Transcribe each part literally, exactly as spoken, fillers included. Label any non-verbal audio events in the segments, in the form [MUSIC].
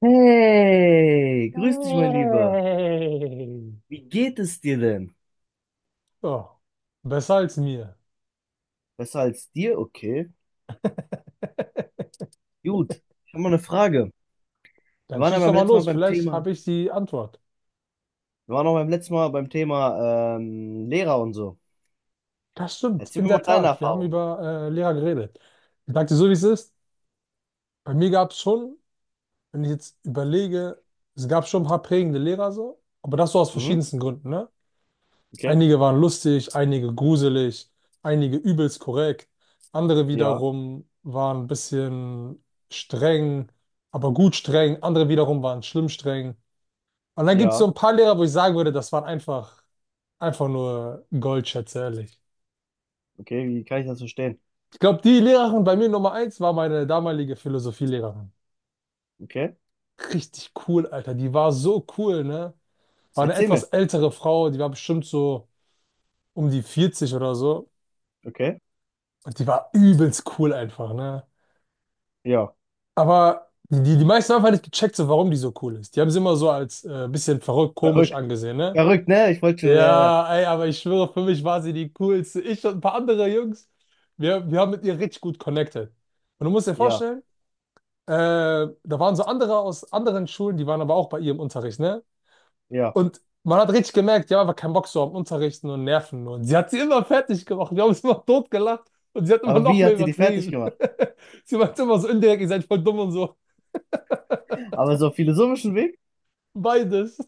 Hey, grüß dich, mein Lieber. Hey. Wie geht es dir denn? So, besser als mir. Besser als dir? Okay. [LAUGHS] Gut. Ich habe mal eine Frage. Wir Dann waren ja schieß doch beim mal letzten Mal los, beim vielleicht Thema. habe ich die Antwort. Wir waren auch beim letzten Mal beim Thema ähm, Lehrer und so. Das stimmt, Erzähl in mir mal der deine Tat. Wir haben Erfahrung. über äh, Lehrer geredet. Ich sag dir so, wie es ist. Bei mir gab es schon, wenn ich jetzt überlege, es gab schon ein paar prägende Lehrer so, aber das so aus Mhm. verschiedensten Gründen, ne? Okay. Einige waren lustig, einige gruselig, einige übelst korrekt, andere Ja. wiederum waren ein bisschen streng, aber gut streng, andere wiederum waren schlimm streng. Und dann gibt es so Ja. ein paar Lehrer, wo ich sagen würde, das waren einfach, einfach nur Goldschätze, ehrlich. Okay. Wie kann ich das verstehen? Ich glaube, die Lehrerin bei mir Nummer eins war meine damalige Philosophielehrerin. Okay. Richtig cool, Alter. Die war so cool, ne? War eine Erzähl etwas mir. ältere Frau, die war bestimmt so um die vierzig oder so. Okay. Und die war übelst cool einfach, ne? Ja. Aber die, die meisten haben einfach nicht gecheckt, so, warum die so cool ist. Die haben sie immer so als äh, bisschen verrückt, komisch Verrückt. angesehen, ne? Verrückt, ne? Ich wollte schon. Ja, ja. Ja, ey, aber ich schwöre, für mich war sie die coolste. Ich und ein paar andere Jungs, wir, wir haben mit ihr richtig gut connected. Und du musst dir Ja. vorstellen, äh, da waren so andere aus anderen Schulen, die waren aber auch bei ihr im Unterricht, ne? Ja. Und man hat richtig gemerkt, die haben einfach keinen Bock so am Unterrichten und Nerven. Und sie hat sie immer fertig gemacht. Wir haben uns immer totgelacht und sie hat immer Aber noch wie mehr hat sie die fertig übertrieben. gemacht? [LAUGHS] Sie meint immer so indirekt, ihr seid voll dumm und so. Aber so auf philosophischen Weg? Beides.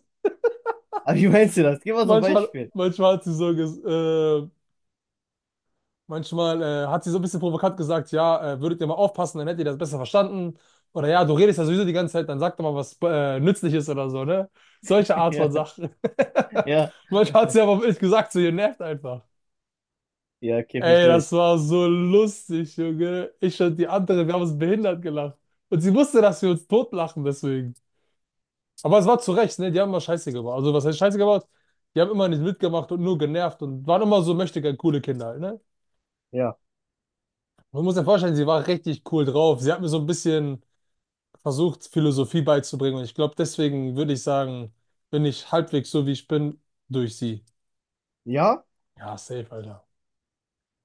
Aber wie meinst du das? Gib mal so ein Manchmal, Beispiel. manchmal hat sie so ges äh, manchmal äh, hat sie so ein bisschen provokant gesagt, ja, äh, würdet ihr mal aufpassen, dann hättet ihr das besser verstanden. Oder ja, du redest ja sowieso die ganze Zeit, dann sag doch mal was äh, Nützliches oder so, ne? Solche [LAUGHS] Art von Ja. Sachen. [LAUGHS] Ja. Manchmal hat sie aber auch ehrlich gesagt, so ihr nervt einfach. Ja, okay, Ey, verstehe ich. das war so lustig, Junge. Ich und die andere, wir haben uns behindert gelacht. Und sie wusste, dass wir uns totlachen deswegen. Aber es war zu Recht, ne? Die haben immer Scheiße gebaut. Also was heißt Scheiße gebaut? Die haben immer nicht mitgemacht und nur genervt und waren immer so möchtegern coole Kinder halt, ne? Ja. Man muss sich vorstellen, sie war richtig cool drauf. Sie hat mir so ein bisschen versucht, Philosophie beizubringen. Und ich glaube, deswegen würde ich sagen, bin ich halbwegs so, wie ich bin, durch sie. Ja? Ja, safe, Alter.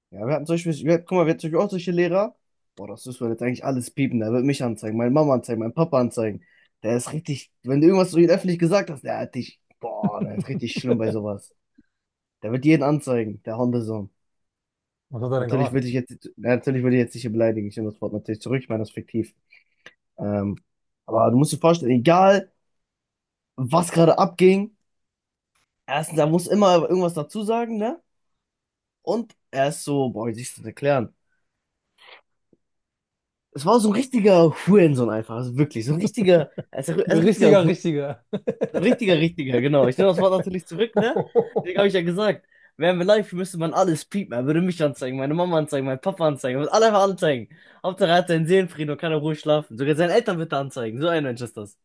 Ja, wir hatten zum Beispiel, wir, guck mal, wir hatten zum Beispiel auch solche Lehrer. Boah, das müssen wir jetzt eigentlich alles piepen. Der wird mich anzeigen, meine Mama anzeigen, meinen Papa anzeigen. Der ist richtig, wenn du irgendwas so ihn öffentlich gesagt hast, der hat dich, boah, der ist richtig schlimm bei sowas. Der wird jeden anzeigen, der Hundesohn. Was hat er denn Natürlich gemacht? würde ich jetzt, ja, natürlich würde ich jetzt nicht hier beleidigen. Ich nehme das Wort natürlich zurück, ich meine das fiktiv. Ähm, aber du musst dir vorstellen, egal was gerade abging, erstens, er muss immer irgendwas dazu sagen, ne? Und er ist so, boah, wie soll ich das erklären? Es war so ein richtiger Hurensohn einfach, also wirklich, so ein richtiger, also ein Ein richtiger richtiger, Hurensohn, richtiger. so ein richtiger, richtiger, genau. Ich nehme das Wort natürlich zurück, ne? Deswegen habe ich [LAUGHS] ja gesagt, wären wir live, müsste man alles piepen. Er würde mich anzeigen, meine Mama anzeigen, meinen Papa anzeigen, er würde alle einfach anzeigen. Hauptsache er hat seinen Seelenfrieden und kann in Ruhe schlafen. Sogar seine Eltern bitte anzeigen, so ein Mensch ist das.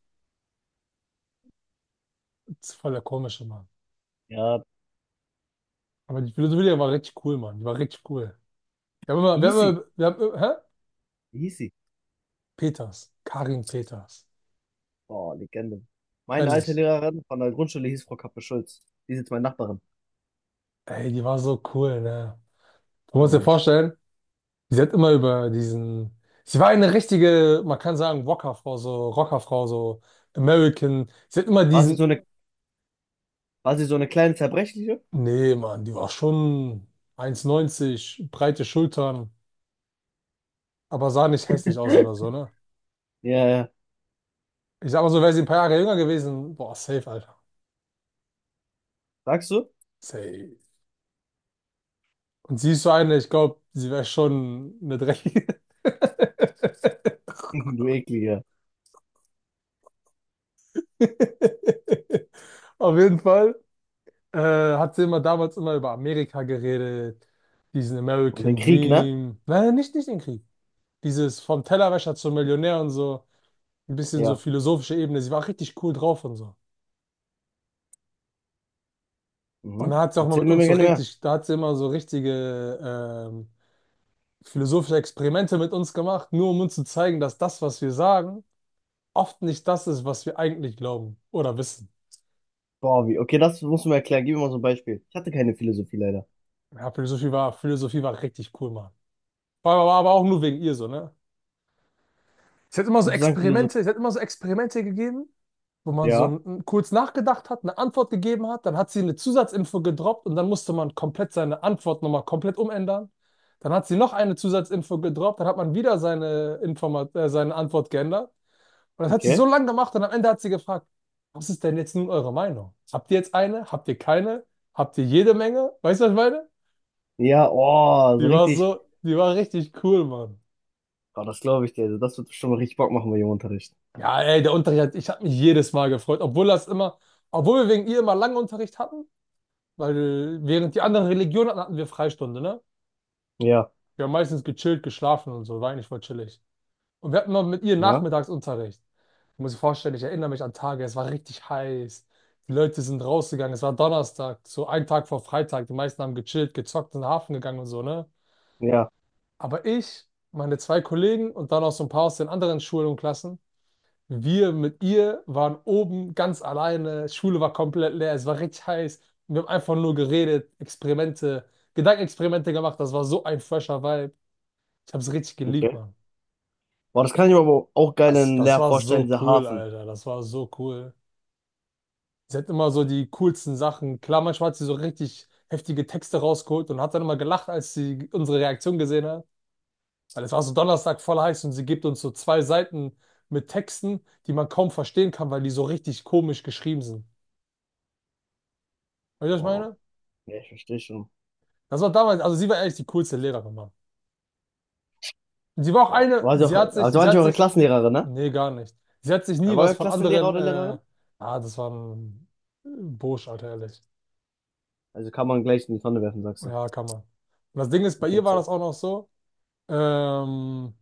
Das ist voll der komische Mann. Ja, Aber die Philosophie war richtig cool, Mann. Die war richtig cool. Wir haben immer, wie wir haben hieß sie? immer, wir haben immer, hä? Wie hieß sie? Peters. Karin Peters. Oh, Legende. Meine alte Ehrlich. Lehrerin von der Grundschule hieß Frau Kappe-Schulz. Die ist jetzt meine Nachbarin, Ey, die war so cool, ne? Du musst dir glaube ich. vorstellen, sie hat immer über diesen. Sie war eine richtige, man kann sagen, Rockerfrau, so Rockerfrau, so American. Sie hat immer War sie so diesen. eine, war sie so eine kleine Zerbrechliche? Nee, Mann, die war schon eins Meter neunzig, breite Schultern, aber sah nicht hässlich aus oder [LAUGHS] so, ne? Ja, ja. Ich sag mal so, wäre sie ein paar Jahre jünger gewesen, boah, safe, Alter. Sagst du? Safe. Und sie ist so eine, ich glaube, sie wäre schon eine dreckige. [LAUGHS] Du Ekliger. [LAUGHS] Auf jeden Fall. äh, Hat sie immer damals immer über Amerika geredet, diesen Und den American Krieg, ne? Dream. Nein, nicht, nicht den Krieg. Dieses vom Tellerwäscher zum Millionär und so, ein bisschen so Ja. philosophische Ebene. Sie war richtig cool drauf und so. Und da Mhm. hat sie auch mal Erzähl mit mir uns mal so gerne mehr. richtig, da hat sie immer so richtige ähm, philosophische Experimente mit uns gemacht, nur um uns zu zeigen, dass das, was wir sagen, oft nicht das ist, was wir eigentlich glauben oder wissen. Boah, wie? Okay, das musst du mir erklären. Gib mir mal so ein Beispiel. Ich hatte keine Philosophie leider. Ja, Philosophie war, Philosophie war richtig cool, Mann. War, war aber auch nur wegen ihr so, ne? Es hat immer so Würdest du sagen, Philosophie? Experimente, es hat immer so Experimente gegeben, wo man so Ja, n- kurz nachgedacht hat, eine Antwort gegeben hat, dann hat sie eine Zusatzinfo gedroppt und dann musste man komplett seine Antwort nochmal komplett umändern. Dann hat sie noch eine Zusatzinfo gedroppt, dann hat man wieder seine Informat äh, seine Antwort geändert. Und das hat sie so okay. lange gemacht und am Ende hat sie gefragt, was ist denn jetzt nun eure Meinung? Habt ihr jetzt eine? Habt ihr keine? Habt ihr jede Menge? Weißt du, was ich meine? Ja, oh, so Die war richtig. so, die war richtig cool, Mann. Boah, das glaube ich dir. Also das wird schon mal richtig Bock machen bei dem Unterricht. Ja, ey, der Unterricht, hat- ich habe mich jedes Mal gefreut, obwohl das immer, obwohl wir wegen ihr immer lange Unterricht hatten, weil während die anderen Religionen hatten, hatten wir Freistunde, ne? Ja, Wir haben meistens gechillt, geschlafen und so, war eigentlich voll chillig. Und wir hatten immer mit ihr ja, Nachmittagsunterricht. Muss ich vorstellen, ich erinnere mich an Tage, es war richtig heiß. Die Leute sind rausgegangen, es war Donnerstag, so ein Tag vor Freitag. Die meisten haben gechillt, gezockt, in den Hafen gegangen und so, ne? ja, Aber ich, meine zwei Kollegen und dann auch so ein paar aus den anderen Schulen und Klassen, wir mit ihr waren oben ganz alleine, Schule war komplett leer, es war richtig heiß. Wir haben einfach nur geredet, Experimente, Gedankenexperimente gemacht. Das war so ein fresher Vibe. Ich habe es richtig geliebt, okay. Mann. Boah, das kann ich mir aber auch geil Das, in das Lehr war vorstellen, so dieser cool, Hafen. Alter. Das war so cool. Sie hat immer so die coolsten Sachen. Klar, manchmal hat sie so richtig heftige Texte rausgeholt und hat dann immer gelacht, als sie unsere Reaktion gesehen hat. Weil es war so Donnerstag voll heiß und sie gibt uns so zwei Seiten mit Texten, die man kaum verstehen kann, weil die so richtig komisch geschrieben sind. Weißt du, was ich Boah, meine? ja, ich verstehe schon. Das war damals, also sie war ehrlich die coolste Lehrerin, Mann. Und sie war auch Boah. eine, War sie auch, sie hat sich, also sie war nicht hat eure sich, Klassenlehrerin, ne? nee, gar nicht. Sie hat sich nie Äh, War was euer von Klassenlehrer anderen, oder äh, Lehrerin? ah, das war ein Bursch, Alter, ehrlich. Also kann man gleich in die Tonne werfen, sagst du. Ja, kann man. Und das Ding ist, bei Okay, ihr war erzähl. das auch noch so, ähm,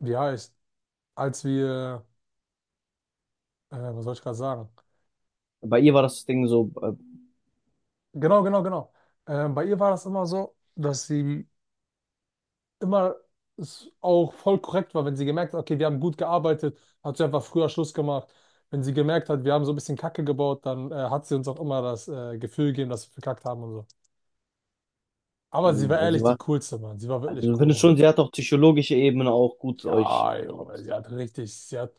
wie heißt, als wir, äh, was soll ich gerade sagen? Bei ihr war das Ding so äh, Genau, genau, genau. Ähm, Bei ihr war das immer so, dass sie immer es auch voll korrekt war, wenn sie gemerkt hat, okay, wir haben gut gearbeitet, hat sie einfach früher Schluss gemacht. Wenn sie gemerkt hat, wir haben so ein bisschen Kacke gebaut, dann äh, hat sie uns auch immer das äh, Gefühl gegeben, dass wir verkackt haben und so. Aber sie Mhm, war also, sie ehrlich die war, coolste, Mann. Sie war wirklich also du cool, findest Mann. schon, sie hat auf psychologischer Ebene auch gut euch. Ja, Junge, Ups. sie hat richtig, sie hat,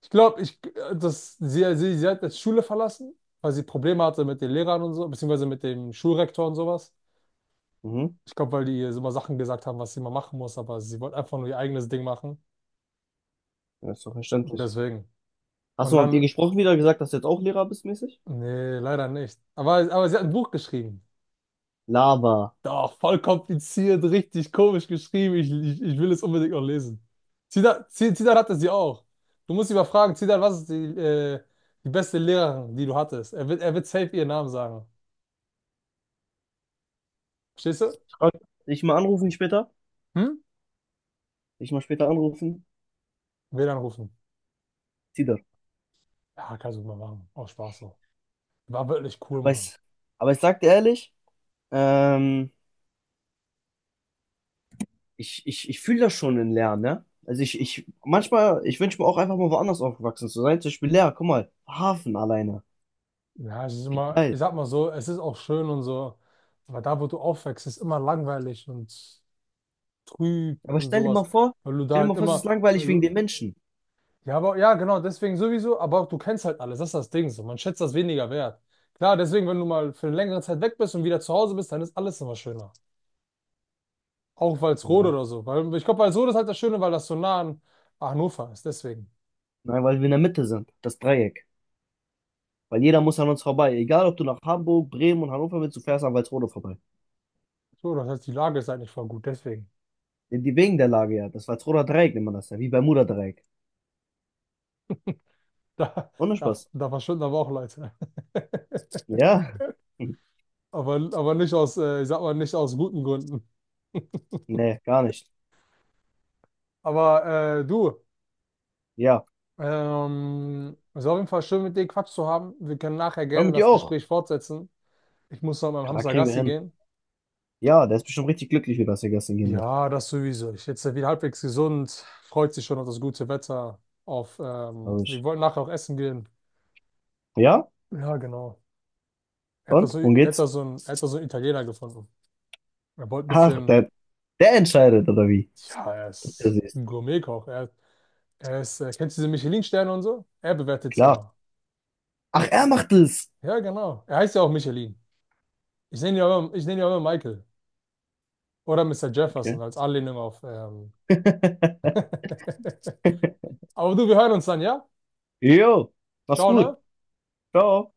ich glaube, ich, äh, das, sie, sie, sie hat jetzt Schule verlassen, weil sie Probleme hatte mit den Lehrern und so, beziehungsweise mit dem Schulrektor und sowas. Mhm. Ich glaube, weil die ihr immer Sachen gesagt haben, was sie mal machen muss, aber sie wollte einfach nur ihr eigenes Ding machen. Das ist doch Und verständlich. deswegen. Hast Und du mal mit ihr dann gesprochen wieder, gesagt, dass du jetzt auch Lehrer bist, mäßig? nee, leider nicht. Aber, aber sie hat ein Buch geschrieben. Lava. Doch, voll kompliziert, richtig komisch geschrieben. Ich, ich, ich will es unbedingt noch lesen. Zidane, Zi- Zidane hatte sie auch. Du musst ihn mal fragen, Zidane, was ist die, äh, die beste Lehrerin, die du hattest? Er wird, er wird safe ihren Namen sagen. Verstehst du? Ich dich mal anrufen später. Hm? Dich mal später anrufen. W LAN rufen. Zieh das. Ja, kannst du mal machen. Auch Spaß so. War wirklich cool, Aber Mann. ich, aber ich sag dir ehrlich, ähm, ich, ich, ich fühle das schon in Lernen, ne? Also ich, ich, manchmal, ich wünsche mir auch einfach mal woanders aufgewachsen zu sein. Zum Beispiel Lehrer, guck mal, Hafen alleine. Ja, es ist immer, Geil. ich sag mal so, es ist auch schön und so. Aber da, wo du aufwächst, ist immer langweilig und trüb Aber und stell dir mal sowas, vor, weil du da stell dir halt mal vor, es ist immer, weil langweilig wegen du, den Menschen. ja, aber ja, genau, deswegen sowieso, aber du kennst halt alles, das ist das Ding so, man schätzt das weniger wert. Klar, deswegen, wenn du mal für eine längere Zeit weg bist und wieder zu Hause bist, dann ist alles immer schöner. Auch Walsrode Ja. oder so, weil ich glaube, Walsrode ist halt das Schöne, weil das so nah an Hannover ist, deswegen. Nein, weil wir in der Mitte sind, das Dreieck. Weil jeder muss an uns vorbei. Egal, ob du nach Hamburg, Bremen und Hannover willst, du fährst an Walsrode vorbei. So, das heißt, die Lage ist eigentlich voll gut, deswegen. [LAUGHS] Die die- wegen der Lage ja. Das Walsroder Dreieck nennt man das ja. Wie Bermuda-Dreieck. Da, Ohne da, Spaß. da verschwinden aber auch Leute. [LAUGHS] Ja. [LAUGHS] Hm. Aber, aber nicht aus, äh, ich sag mal, nicht aus guten Gründen. Nee, gar nicht. Aber äh, du. Ja. Ähm, es war auf jeden Fall schön, mit dir Quatsch zu haben. Wir können nachher Hör gerne mit dir das auch. Gespräch fortsetzen. Ich muss noch mit meinem Klar, Hamster kriegen wir Gassi hin. gehen. Ja, der ist bestimmt richtig glücklich, wie das er gestern gehen durfte. Ja, das sowieso. Ich jetzt wieder halbwegs gesund. Freut sich schon auf das gute Wetter. Auf, ähm, Glaub wir ich. wollten nachher auch essen gehen. Ja? Ja, genau. Er hat da Und? so, Worum er hat da geht's? so einen, er hat da so einen Italiener gefunden. Er wollte ein Ach, bisschen, der, der entscheidet, oder wie? ja, er Das ist ist ein Gourmetkoch. Er, er ist, äh, kennst du diese Michelin-Sterne und so? Er bewertet sie klar. immer. Ach, er macht es. Ja, genau. Er heißt ja auch Michelin. Ich nenne ihn ja immer, ich nenne ihn ja immer Michael. Oder Mister Jefferson Okay. als Anlehnung auf. Ähm. [LAUGHS] [LAUGHS] Aber du, wir hören uns dann, ja? Jo. Mach's Ciao, gut. ne? Ciao.